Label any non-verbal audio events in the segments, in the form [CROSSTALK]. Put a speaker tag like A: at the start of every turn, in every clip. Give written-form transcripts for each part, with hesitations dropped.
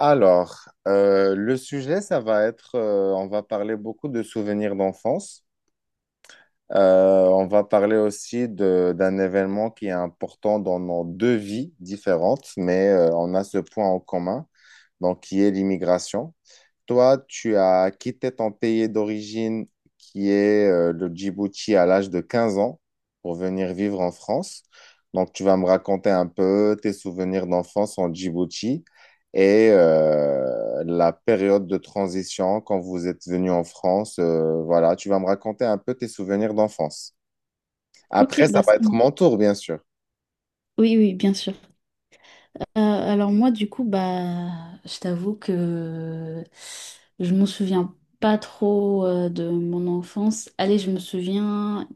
A: Alors, le sujet, ça va être, on va parler beaucoup de souvenirs d'enfance. On va parler aussi d'un événement qui est important dans nos deux vies différentes, mais on a ce point en commun, donc qui est l'immigration. Toi, tu as quitté ton pays d'origine, qui est le Djibouti, à l'âge de 15 ans, pour venir vivre en France. Donc, tu vas me raconter un peu tes souvenirs d'enfance en Djibouti et la période de transition quand vous êtes venu en France. Voilà, tu vas me raconter un peu tes souvenirs d'enfance.
B: Ok,
A: Après, ça
B: bah ça
A: va être
B: marche.
A: mon tour, bien sûr.
B: Oui, oui, bien sûr. Alors moi, du coup, bah, je t'avoue que je me souviens pas trop de mon enfance. Allez, je me souviens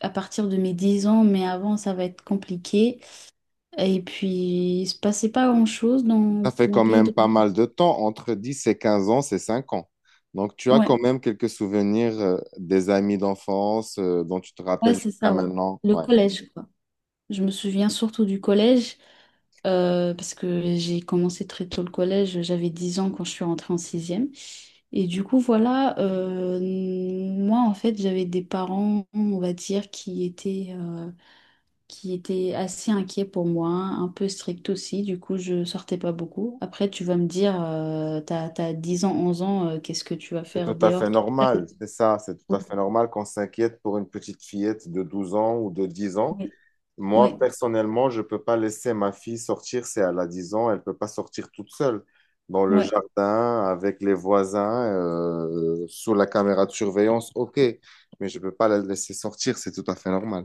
B: à partir de mes 10 ans, mais avant, ça va être compliqué. Et puis, il se passait pas grand-chose
A: Ça
B: dans
A: fait
B: mon
A: quand
B: pays
A: même pas
B: d'origine.
A: mal de temps, entre 10 et 15 ans, c'est 5 ans. Donc tu as
B: Ouais,
A: quand même quelques souvenirs des amis d'enfance dont tu te
B: ouais,
A: rappelles
B: c'est
A: jusqu'à
B: ça, ouais.
A: maintenant.
B: Le
A: Ouais.
B: collège, quoi. Je me souviens surtout du collège. Parce que j'ai commencé très tôt le collège, j'avais 10 ans quand je suis rentrée en sixième. Et du coup, voilà, moi, en fait, j'avais des parents, on va dire, qui étaient assez inquiets pour moi, un peu stricts aussi. Du coup, je sortais pas beaucoup. Après, tu vas me dire, t'as 10 ans, 11 ans, qu'est-ce que tu vas
A: C'est
B: faire
A: tout à fait
B: dehors?
A: normal, c'est ça, c'est tout à fait normal qu'on s'inquiète pour une petite fillette de 12 ans ou de 10 ans.
B: Oui,
A: Moi,
B: oui,
A: personnellement, je ne peux pas laisser ma fille sortir, c'est elle a 10 ans, elle ne peut pas sortir toute seule dans le
B: ouais.
A: jardin, avec les voisins, sous la caméra de surveillance, ok, mais je ne peux pas la laisser sortir, c'est tout à fait normal.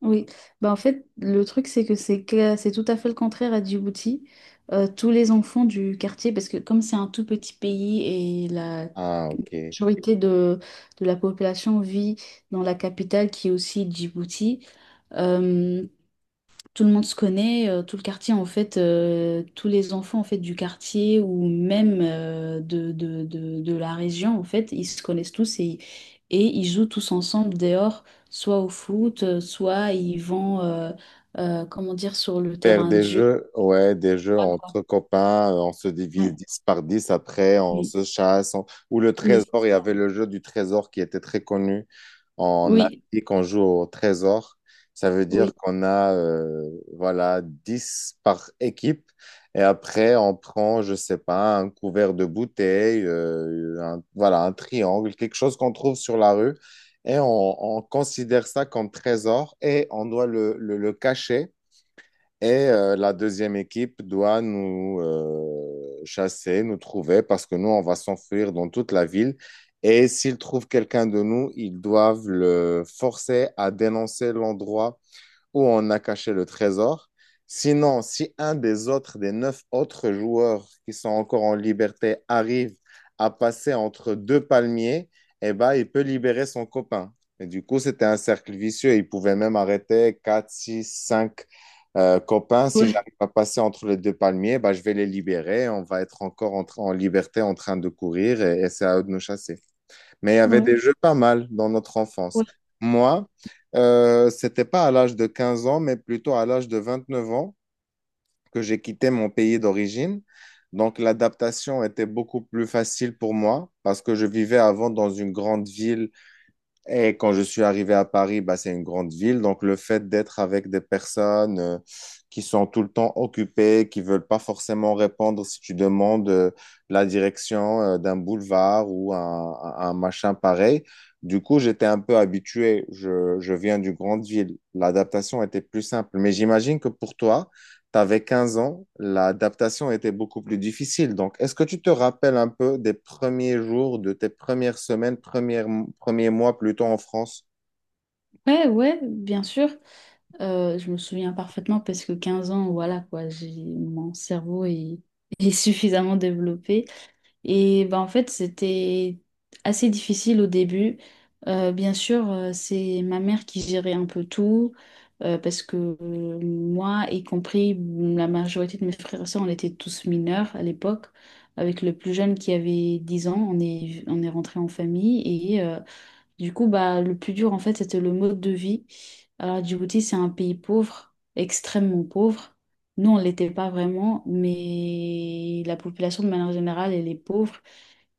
B: Oui, bah en fait, le truc, c'est que c'est tout à fait le contraire à Djibouti. Tous les enfants du quartier, parce que comme c'est un tout petit pays et la
A: Ah, ok.
B: majorité de la population vit dans la capitale qui est aussi Djibouti, euh, tout le monde se connaît, tout le quartier en fait, tous les enfants en fait du quartier ou même de la région en fait, ils se connaissent tous et ils jouent tous ensemble dehors, soit au foot, soit ils vont comment dire sur le
A: Faire
B: terrain de
A: des
B: jeu.
A: jeux, ouais, des jeux
B: Ah, quoi.
A: entre copains, on se divise
B: Ouais,
A: 10 par 10 après, on
B: oui,
A: se chasse. Ou le
B: oui,
A: trésor,
B: c'est
A: il y
B: ça.
A: avait le jeu du trésor qui était très connu en
B: Oui,
A: Afrique, on joue au trésor. Ça veut dire
B: oui,
A: qu'on a, voilà, 10 par équipe. Et après, on prend, je sais pas, un couvert de bouteille, voilà, un triangle, quelque chose qu'on trouve sur la rue. Et on considère ça comme trésor et on doit le cacher et la deuxième équipe doit nous chasser, nous trouver, parce que nous, on va s'enfuir dans toute la ville. Et s'ils trouvent quelqu'un de nous, ils doivent le forcer à dénoncer l'endroit où on a caché le trésor. Sinon, si un des autres, des neuf autres joueurs qui sont encore en liberté arrive à passer entre deux palmiers, eh ben, il peut libérer son copain. Et du coup, c'était un cercle vicieux. Il pouvait même arrêter 4, 6, 5 copains. Si
B: ouais,
A: j'arrive à passer entre les deux palmiers, ben, je vais les libérer. On va être encore en, en liberté en train de courir et c'est à eux de nous chasser. Mais il y avait
B: ouais.
A: des jeux pas mal dans notre enfance.
B: Ouais,
A: Moi, c'était pas à l'âge de 15 ans, mais plutôt à l'âge de 29 ans que j'ai quitté mon pays d'origine. Donc l'adaptation était beaucoup plus facile pour moi parce que je vivais avant dans une grande ville et quand je suis arrivé à Paris, bah, c'est une grande ville. Donc, le fait d'être avec des personnes qui sont tout le temps occupées, qui veulent pas forcément répondre si tu demandes la direction d'un boulevard ou un machin pareil. Du coup, j'étais un peu habitué. Je viens d'une grande ville. L'adaptation était plus simple. Mais j'imagine que pour toi, t'avais 15 ans, l'adaptation était beaucoup plus difficile. Donc, est-ce que tu te rappelles un peu des premiers jours, de tes premières semaines, premiers mois plutôt en France?
B: ouais, ouais, bien sûr. Je me souviens parfaitement parce que 15 ans, voilà quoi, j'ai mon cerveau est, [LAUGHS] est suffisamment développé. Et ben, en fait, c'était assez difficile au début. Bien sûr, c'est ma mère qui gérait un peu tout, parce que moi, y compris la majorité de mes frères et sœurs, on était tous mineurs à l'époque. Avec le plus jeune qui avait 10 ans, on est rentré en famille et du coup, bah, le plus dur, en fait, c'était le mode de vie. Alors, Djibouti, c'est un pays pauvre, extrêmement pauvre. Nous, on ne l'était pas vraiment, mais la population, de manière générale, elle est pauvre.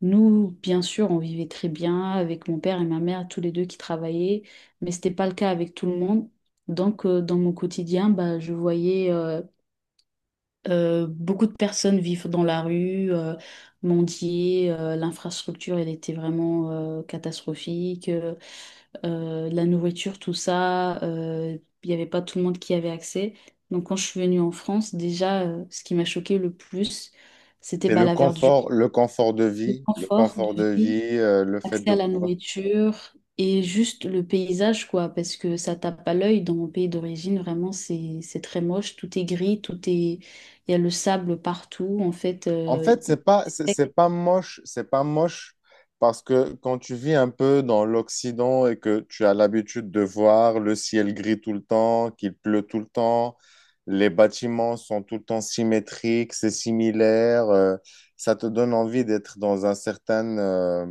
B: Nous, bien sûr, on vivait très bien avec mon père et ma mère, tous les deux qui travaillaient, mais ce n'était pas le cas avec tout le monde. Donc, dans mon quotidien, bah, je voyais beaucoup de personnes vivre dans la rue, mendier. L'infrastructure, elle était vraiment catastrophique. De la nourriture, tout ça. Il n'y avait pas tout le monde qui avait accès. Donc quand je suis venue en France, déjà, ce qui m'a choqué le plus, c'était
A: C'est
B: bah,
A: le
B: la verdure,
A: confort, le confort de
B: le
A: vie, le
B: confort de
A: confort de
B: vie,
A: vie, le fait
B: accès
A: de
B: à la
A: pouvoir.
B: nourriture et juste le paysage, quoi, parce que ça tape à l'œil dans mon pays d'origine, vraiment, c'est très moche, tout est gris, tout est. Il y a le sable partout, en fait.
A: En
B: euh,
A: fait,
B: il-
A: c'est pas,
B: c'est
A: c'est
B: sec.
A: c'est pas moche, c'est pas moche parce que quand tu vis un peu dans l'Occident et que tu as l'habitude de voir le ciel gris tout le temps, qu'il pleut tout le temps, les bâtiments sont tout le temps symétriques, c'est similaire, ça te donne envie d'être dans un certain,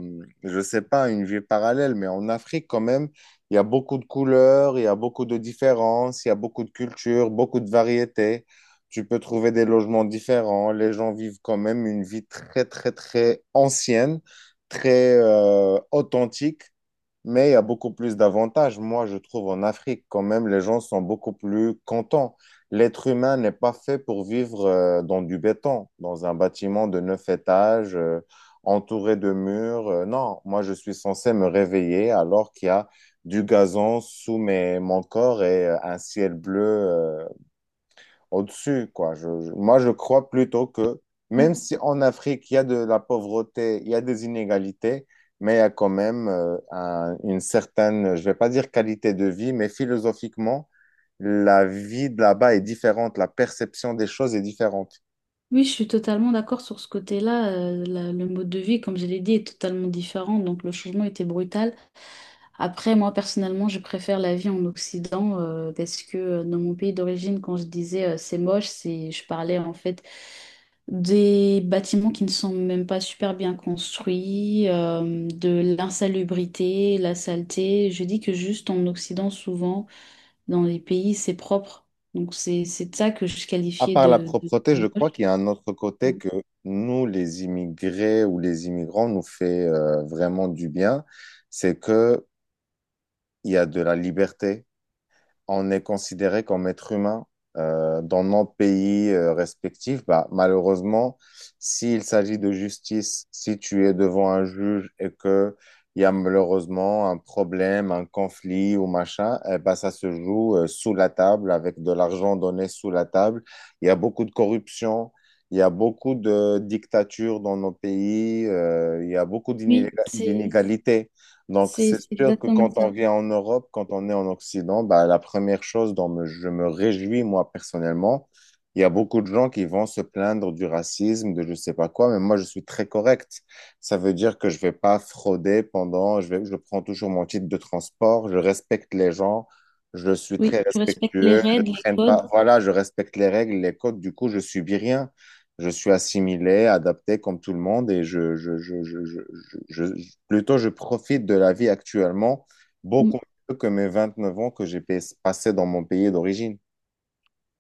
A: je sais pas, une vie parallèle, mais en Afrique quand même, il y a beaucoup de couleurs, il y a beaucoup de différences, il y a beaucoup de cultures, beaucoup de variétés. Tu peux trouver des logements différents. Les gens vivent quand même une vie très, très, très ancienne, très authentique, mais il y a beaucoup plus d'avantages. Moi, je trouve en Afrique, quand même, les gens sont beaucoup plus contents. L'être humain n'est pas fait pour vivre dans du béton, dans un bâtiment de neuf étages, entouré de murs. Non, moi, je suis censé me réveiller alors qu'il y a du gazon sous mes, mon corps et un ciel bleu au-dessus, quoi. Moi, je crois plutôt que même si en Afrique, il y a de la pauvreté, il y a des inégalités, mais il y a quand même une certaine, je vais pas dire qualité de vie, mais philosophiquement, la vie de là-bas est différente, la perception des choses est différente.
B: Oui, je suis totalement d'accord sur ce côté-là. Le mode de vie, comme je l'ai dit, est totalement différent, donc le changement était brutal. Après, moi, personnellement, je préfère la vie en Occident parce que dans mon pays d'origine, quand je disais c'est moche, je parlais en fait des bâtiments qui ne sont même pas super bien construits, de l'insalubrité, la saleté. Je dis que juste en Occident, souvent, dans les pays, c'est propre. Donc c'est de ça que je
A: À
B: qualifiais
A: part la
B: de, de
A: propreté, je
B: de
A: crois
B: moche.
A: qu'il y a un autre côté que nous, les immigrés ou les immigrants, nous fait vraiment du bien, c'est que il y a de la liberté, on est considéré comme être humain dans nos pays respectifs. Bah, malheureusement, s'il s'agit de justice, si tu es devant un juge et que il y a malheureusement un problème, un conflit ou machin, eh ben, ça se joue sous la table, avec de l'argent donné sous la table. Il y a beaucoup de corruption, il y a beaucoup de dictatures dans nos pays, il y a beaucoup
B: Oui, c'est
A: d'inégalités, donc
B: c'est
A: c'est
B: c'est
A: sûr que
B: exactement
A: quand on
B: ça.
A: vient en Europe, quand on est en Occident, bah, la première chose dont je me réjouis, moi, personnellement, il y a beaucoup de gens qui vont se plaindre du racisme, de je sais pas quoi, mais moi, je suis très correct. Ça veut dire que je vais pas frauder pendant, je vais, je prends toujours mon titre de transport, je respecte les gens, je suis très
B: Oui, tu respectes les
A: respectueux, je
B: règles, les
A: traîne
B: codes.
A: pas, voilà, je respecte les règles, les codes, du coup, je subis rien. Je suis assimilé, adapté comme tout le monde je, plutôt, je profite de la vie actuellement
B: Mm.
A: beaucoup mieux que mes 29 ans que j'ai passé dans mon pays d'origine.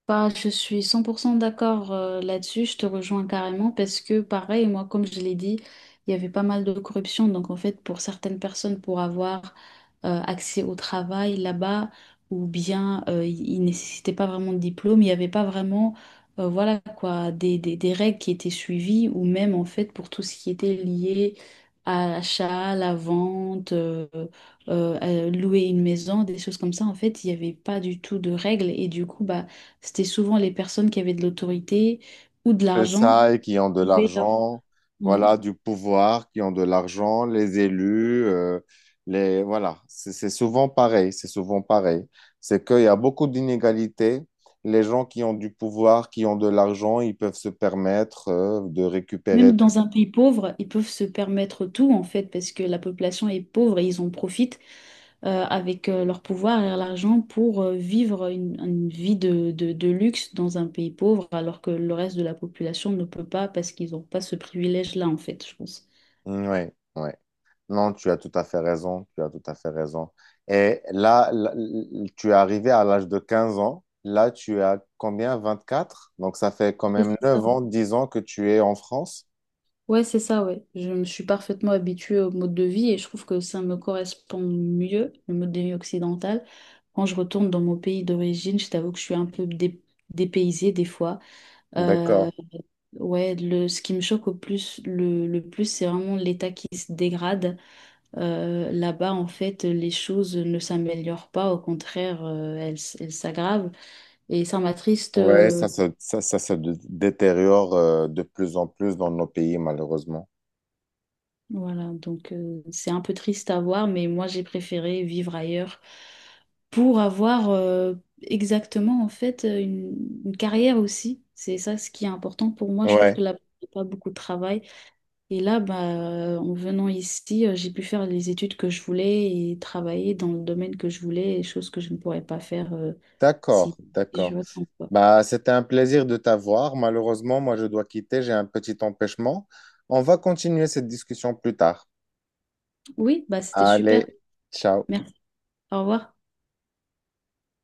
B: Bah, je suis 100% d'accord là-dessus, je te rejoins carrément parce que pareil, moi, comme je l'ai dit, il y avait pas mal de corruption. Donc, en fait, pour certaines personnes, pour avoir accès au travail là-bas, ou bien ils ne nécessitaient pas vraiment de diplôme, il n'y avait pas vraiment voilà quoi, des règles qui étaient suivies, ou même en fait pour tout ce qui était lié à l'achat, à la vente, à louer une maison, des choses comme ça, en fait, il n'y avait pas du tout de règles. Et du coup, bah, c'était souvent les personnes qui avaient de l'autorité ou de
A: C'est
B: l'argent.
A: ça, et qui ont de
B: qui pouvaient avoir-
A: l'argent,
B: ouais.
A: voilà, du pouvoir, qui ont de l'argent, les élus, les, voilà, c'est souvent pareil, c'est souvent pareil. C'est qu'il y a beaucoup d'inégalités. Les gens qui ont du pouvoir, qui ont de l'argent, ils peuvent se permettre, de récupérer
B: Même
A: des...
B: dans un pays pauvre, ils peuvent se permettre tout, en fait, parce que la population est pauvre et ils en profitent avec leur pouvoir et l'argent pour vivre une, vie de luxe dans un pays pauvre, alors que le reste de la population ne peut pas parce qu'ils n'ont pas ce privilège-là, en fait, je pense.
A: Ouais, ouais. Non, tu as tout à fait raison, tu as tout à fait raison. Et là, là, tu es arrivé à l'âge de 15 ans. Là, tu as combien? Vingt-quatre. Donc, ça fait quand
B: Oui,
A: même
B: c'est ça,
A: 9 ans, 10 ans que tu es en France.
B: ouais, c'est ça, ouais. Je me suis parfaitement habituée au mode de vie et je trouve que ça me correspond mieux, le mode de vie occidental. Quand je retourne dans mon pays d'origine, je t'avoue que je suis un peu dépaysée des fois. Euh,
A: D'accord.
B: ouais, ce qui me choque au plus, le plus, c'est vraiment l'état qui se dégrade. Là-bas, en fait, les choses ne s'améliorent pas, au contraire, elles s'aggravent. Et ça m'attriste.
A: Ouais, ça se détériore de plus en plus dans nos pays, malheureusement.
B: Voilà, donc c'est un peu triste à voir, mais moi j'ai préféré vivre ailleurs pour avoir exactement en fait une, carrière aussi. C'est ça ce qui est important pour moi. Je trouve que
A: Ouais.
B: là, il n'y a pas beaucoup de travail. Et là, bah, en venant ici, j'ai pu faire les études que je voulais et travailler dans le domaine que je voulais, et choses que je ne pourrais pas faire
A: D'accord,
B: si, si je
A: d'accord.
B: retourne, quoi.
A: Bah, c'était un plaisir de t'avoir. Malheureusement, moi, je dois quitter, j'ai un petit empêchement. On va continuer cette discussion plus tard.
B: Oui, bah, c'était super.
A: Allez, ciao.
B: Merci. Au revoir.